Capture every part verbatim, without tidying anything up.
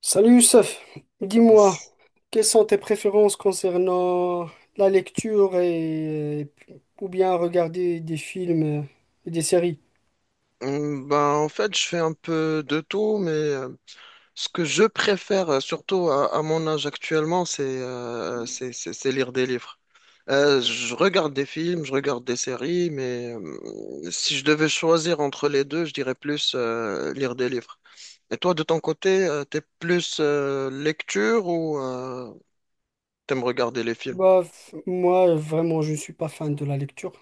Salut Youssef, dis-moi, S- quelles sont tes préférences concernant la lecture et ou bien regarder des films et des séries? Hmm, Ben, En fait, je fais un peu de tout, mais euh, ce que je préfère, euh, surtout à, à mon âge actuellement, c'est euh, c'est c'est- c'est lire des livres. Euh, je regarde des films, je regarde des séries, mais euh, si je devais choisir entre les deux, je dirais plus euh, lire des livres. Et toi, de ton côté, euh, t'es plus euh, lecture ou euh, t'aimes regarder les films? Bah, f- moi vraiment je ne suis pas fan de la lecture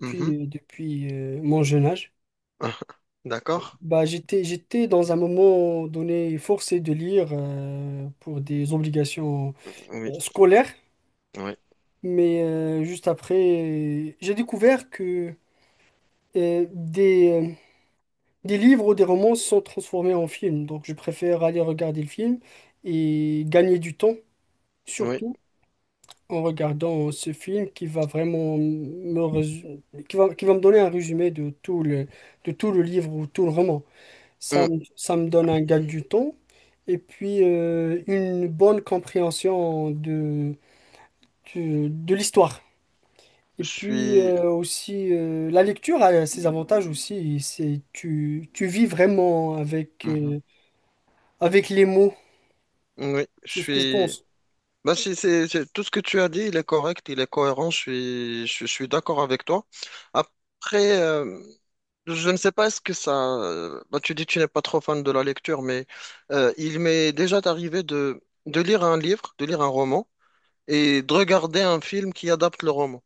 Mhm. depuis euh, mon jeune âge. D'accord? Bah, j'étais j'étais dans un moment donné forcé de lire euh, pour des obligations Oui, euh, scolaires, oui, mais euh, juste après j'ai découvert que euh, des euh, des livres ou des romans sont transformés en films, donc je préfère aller regarder le film et gagner du temps, oui. surtout en regardant ce film qui va vraiment me résu- qui va, qui va me donner un résumé de tout le, de tout le livre ou tout le roman. Hmm. Ça, me- ça me donne un gain du temps et puis euh, une bonne compréhension de, de, de l'histoire. Je Et puis suis... euh, aussi, euh, la lecture a ses avantages aussi, c'est tu, tu vis vraiment avec... euh, avec les mots, Oui, je c'est ce que je suis. pense. Bah, c'est, c'est- c'est- Tout ce que tu as dit, il est correct, il est cohérent, je suis, je, suis d'accord avec toi. Après, euh, je ne sais pas est-ce que ça. euh, Bah, tu dis que tu n'es pas trop fan de la lecture, mais euh, il m'est déjà arrivé de, de lire un livre, de lire un roman, et de regarder un film qui adapte le roman.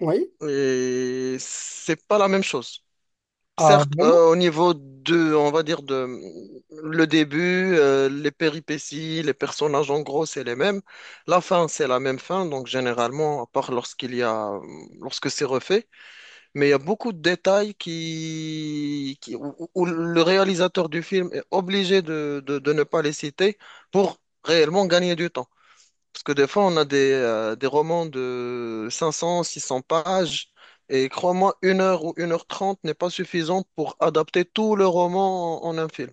Oui? Et c'est pas la même chose. Ah, Certes, vraiment? euh, au niveau de, on va dire de le début, euh, les péripéties, les personnages, en gros, c'est les mêmes. La fin, c'est la même fin, donc généralement, à part lorsqu'il y a, lorsque c'est refait, mais il y a beaucoup de détails qui, qui- où, où où le réalisateur du film est obligé de, de, de ne pas les citer pour réellement gagner du temps. Parce que des fois, on a des, euh, des romans de cinq cents, six cents pages, et crois-moi, une heure ou une heure trente n'est pas suffisante pour adapter tout le roman en, en un film.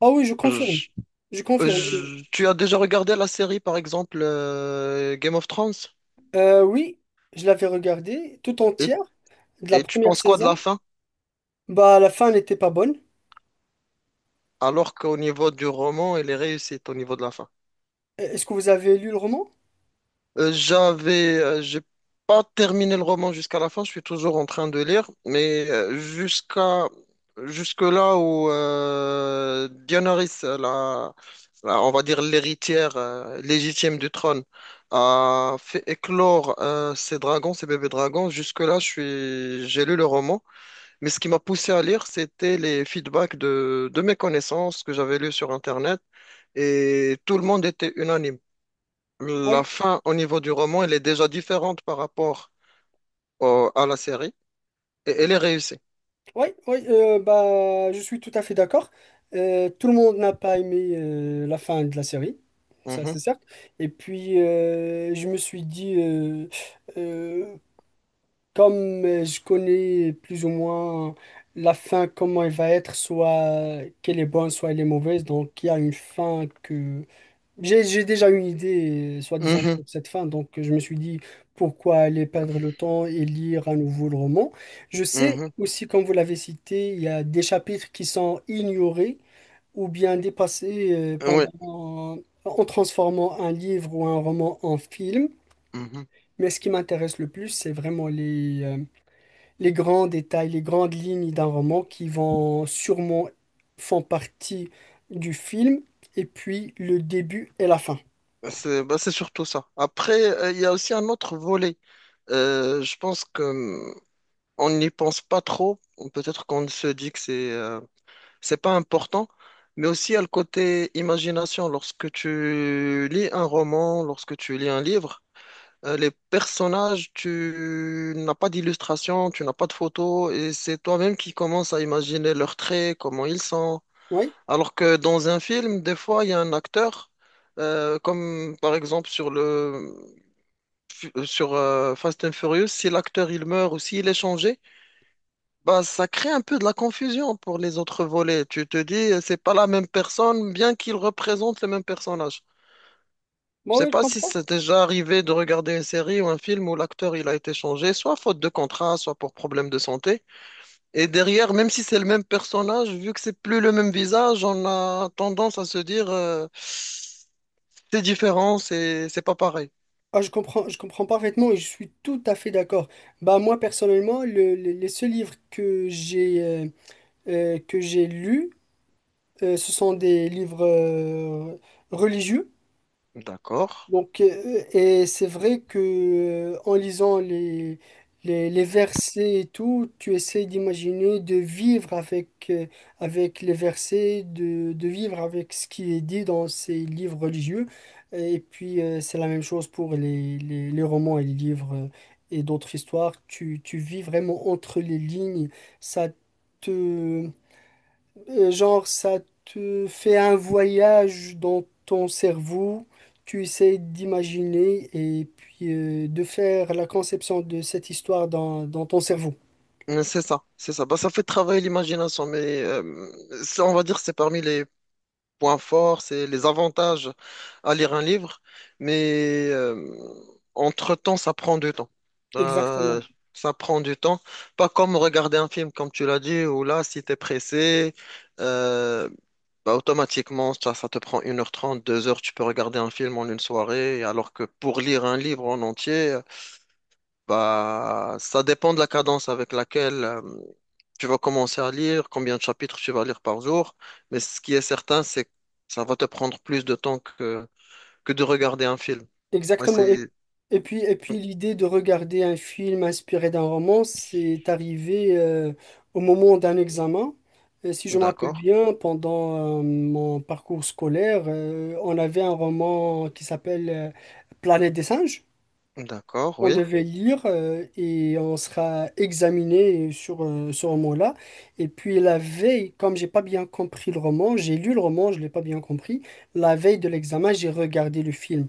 Ah oui, je confirme. Je- Je confirme. Je- tu as déjà regardé la série, par exemple, euh, Game of Thrones, Euh, oui, je l'avais regardé tout et, entière de la et tu première penses quoi de la saison. fin? Bah, la fin n'était pas bonne. Alors qu'au niveau du roman, elle est réussie au niveau de la fin. Euh, Est-ce que vous avez lu le roman? Euh, j'avais, euh, j'ai pas terminé le roman jusqu'à la fin, je suis toujours en train de lire, mais euh, jusqu'à jusque là où euh, Daenerys, euh, la, la- on va dire l'héritière euh, légitime du trône, a fait éclore euh, ses dragons, ses bébés dragons. Jusque là, je suis, j'ai lu le roman, mais ce qui m'a poussé à lire, c'était les feedbacks de de mes connaissances que j'avais lues sur Internet, et tout le monde était unanime. Oui, La fin au niveau du roman, elle est déjà différente par rapport au- à la série et elle est réussie. oui, oui. Euh, bah, je suis tout à fait d'accord. Euh, tout le monde n'a pas aimé euh, la fin de la série. Ça, c'est Mhm. certes. Et puis, euh, je me suis dit, euh, euh, Comme euh, je connais plus ou moins la fin, comment elle va être, soit qu'elle est bonne, soit elle est mauvaise, donc il y a une fin que... J'ai, j'ai déjà une idée, euh, soi-disant, Mhm. sur cette fin, donc je me suis dit, pourquoi aller perdre le temps et lire à nouveau le roman? Je sais Mhm. aussi, comme vous l'avez cité, il y a des chapitres qui sont ignorés ou bien dépassés euh, Oui. pendant... en transformant un livre ou un roman en film. Mhm. Mais ce qui m'intéresse le plus, c'est vraiment les, euh, les grands détails, les grandes lignes d'un roman qui vont sûrement font partie du film, et puis le début et la fin. C'est bah, c'est surtout ça. Après, euh, il y a aussi un autre volet. Euh, je pense que hum, on n'y pense pas trop. Peut-être qu'on se dit que c'est euh, c'est pas important, mais aussi il y a le côté imagination. Lorsque tu lis un roman, lorsque tu lis un livre, Euh, les personnages, tu n'as pas d'illustration, tu n'as pas de photos, et c'est toi-même qui commences à imaginer leurs traits, comment ils sont. Oui, Alors que dans un film, des fois, il y a un acteur, euh, comme par exemple sur le sur euh, Fast and Furious, si l'acteur il meurt ou s'il est changé, bah ça crée un peu de la confusion pour les autres volets. Tu te dis, euh, c'est pas la même personne, bien qu'il représente le même personnage. Je moi sais oui, je pas si comprends. c'est déjà arrivé de regarder une série ou un film où l'acteur il a été changé, soit faute de contrat, soit pour problème de santé. Et derrière, même si c'est le même personnage, vu que c'est plus le même visage, on a tendance à se dire euh, c'est différent, c'est c'est pas pareil. Ah, je comprends, je comprends parfaitement et je suis tout à fait d'accord. Bah moi personnellement, le- le- les seuls livres que j'ai euh, euh, que j'ai lus, euh, ce sont des livres euh, religieux. D'accord. Donc, euh, et c'est vrai que euh, en lisant les, les, les versets et tout, tu essaies d'imaginer de vivre avec, euh, avec les versets, de, de vivre avec ce qui est dit dans ces livres religieux. Et puis, euh, c'est la même chose pour les, les, les romans et les livres euh, et d'autres histoires. Tu, tu vis vraiment entre les lignes. Ça te, euh, Genre, ça te fait un voyage dans ton cerveau, tu essaies d'imaginer et puis euh, de faire la conception de cette histoire dans, dans ton cerveau. Mais C'est ça, c'est ça. Bah, ça fait travailler l'imagination, mais euh, ça, on va dire que c'est parmi les points forts, c'est les avantages à lire un livre, mais euh, entre-temps, ça prend du temps. Euh, Exactement. ça prend du temps. Pas comme regarder un film, comme tu l'as dit, où là, si tu es pressé, euh, bah, automatiquement, ça, ça te prend une heure trente, deux heures. Tu peux regarder un film en une soirée, alors que pour lire un livre en entier, bah, ça dépend de la cadence avec laquelle euh, tu vas commencer à lire, combien de chapitres tu vas lire par jour, mais ce qui est certain, c'est que ça va te prendre plus de temps que, que de regarder un film. Ouais, Exactement. Et, c'est... et puis, et puis l'idée de regarder un film inspiré d'un roman, c'est arrivé euh, au moment d'un examen. Et si je me rappelle D'accord, bien, pendant euh, mon parcours scolaire, euh, on avait un roman qui s'appelle euh, Planète des singes. d'accord, On oui, devait lire euh, et on sera examiné sur euh, ce roman-là. Et puis la veille, comme j'ai pas bien compris le roman, j'ai lu le roman, je l'ai pas bien compris. La veille de l'examen, j'ai regardé le film.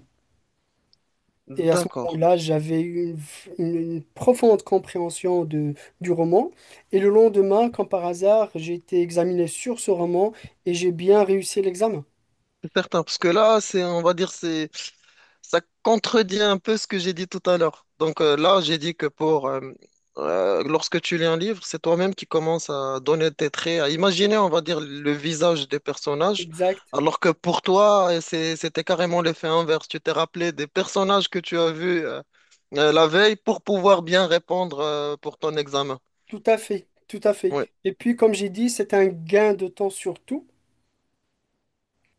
Et à ce d'accord. moment-là, j'avais eu une, f- une- une profonde compréhension de, du roman. Et le lendemain, comme par hasard, j'ai été examiné sur ce roman et j'ai bien réussi l'examen. C'est certain, parce que là, c'est, on va dire, c'est Ça contredit un peu ce que j'ai dit tout à l'heure. Donc euh, là, j'ai dit que pour euh, euh, lorsque tu lis un livre, c'est toi-même qui commences à donner tes traits, à imaginer, on va dire, le visage des personnages, Exact. alors que pour toi, euh, c'est- c'était carrément l'effet inverse. Tu t'es rappelé des personnages que tu as vus euh, euh, la veille pour pouvoir bien répondre euh, pour ton examen. Tout à fait. Tout à fait. Oui. Et puis, comme j'ai dit, c'est un gain de temps surtout.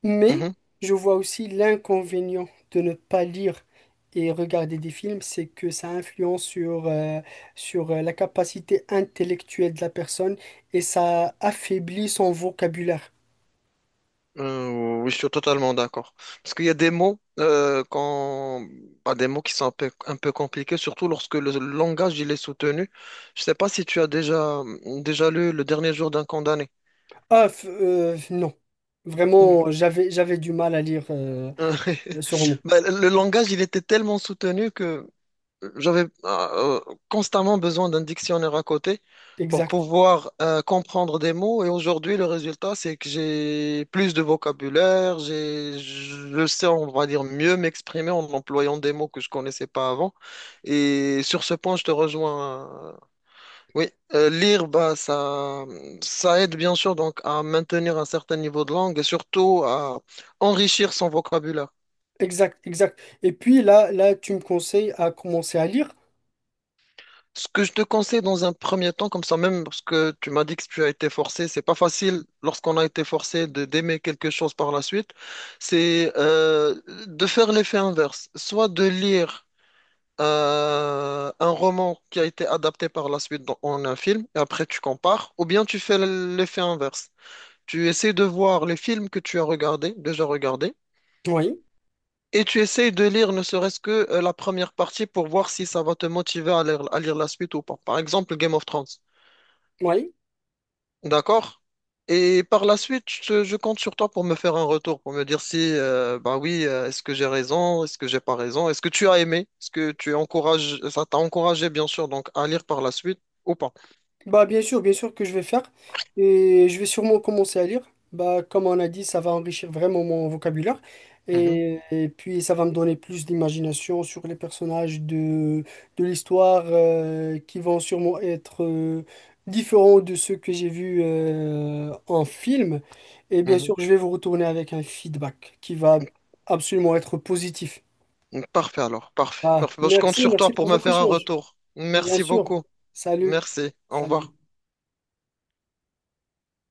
Mais je vois aussi l'inconvénient de ne pas lire et regarder des films, c'est que ça influence sur, euh, sur euh, la capacité intellectuelle de la personne et ça affaiblit son vocabulaire. Euh, oui, je suis totalement d'accord. Parce qu'il y a des mots, euh, quand... bah, des mots qui sont un peu, un peu compliqués, surtout lorsque le langage il est soutenu. Je ne sais pas si tu as déjà, déjà lu Le dernier jour d'un condamné. Ah, f- euh, non. Vraiment, j'avais, j'avais du mal à lire euh, ce roman. Bah, le langage, il était tellement soutenu que j'avais euh, constamment besoin d'un dictionnaire à côté pour Exact, pouvoir euh, comprendre des mots. Et aujourd'hui, le résultat, c'est que j'ai plus de vocabulaire, j'ai, je sais, on va dire, mieux m'exprimer en employant des mots que je connaissais pas avant. Et sur ce point, je te rejoins. euh, Oui, Euh, lire, bah, ça, ça aide bien sûr donc à maintenir un certain niveau de langue et surtout à enrichir son vocabulaire. exact, exact. Et puis là, là, tu me conseilles à commencer à lire. Ce que je te conseille dans un premier temps, comme ça même, parce que tu m'as dit que tu as été forcé, c'est pas facile lorsqu'on a été forcé de d'aimer quelque chose par la suite, c'est euh, de faire l'effet inverse, soit de lire euh, un roman qui a été adapté par la suite dans- en un film, et après tu compares, ou bien tu fais l'effet inverse. Tu essaies de voir les films que tu as regardés, déjà regardés, Oui, et tu essayes de lire ne serait-ce que euh, la première partie pour voir si ça va te motiver à lire, à lire la suite ou pas. Par exemple, Game of Thrones. oui. D'accord. Et par la suite, je, je compte sur toi pour me faire un retour, pour me dire si, euh, bah oui, euh, est-ce que j'ai raison, est-ce que j'ai pas raison, est-ce que tu as aimé, est-ce que tu encourages, ça t'a encouragé, bien sûr, donc à lire par la suite ou pas. Bah bien sûr, bien sûr que je vais faire et je vais sûrement commencer à lire. Bah comme on a dit, ça va enrichir vraiment mon vocabulaire Mhm, et, et puis ça va me donner plus d'imagination sur les personnages de, de l'histoire euh, qui vont sûrement être euh, différents de ceux que j'ai vus euh, en film. Et bien mhm. sûr, je vais vous retourner avec un feedback qui va absolument être positif. Donc, Parfait alors, parfait, Ah, parfait. Bon, je compte merci, sur merci toi pour pour me votre faire un échange. retour. Bien Merci sûr. beaucoup. Salut. Merci. Au Salut. revoir.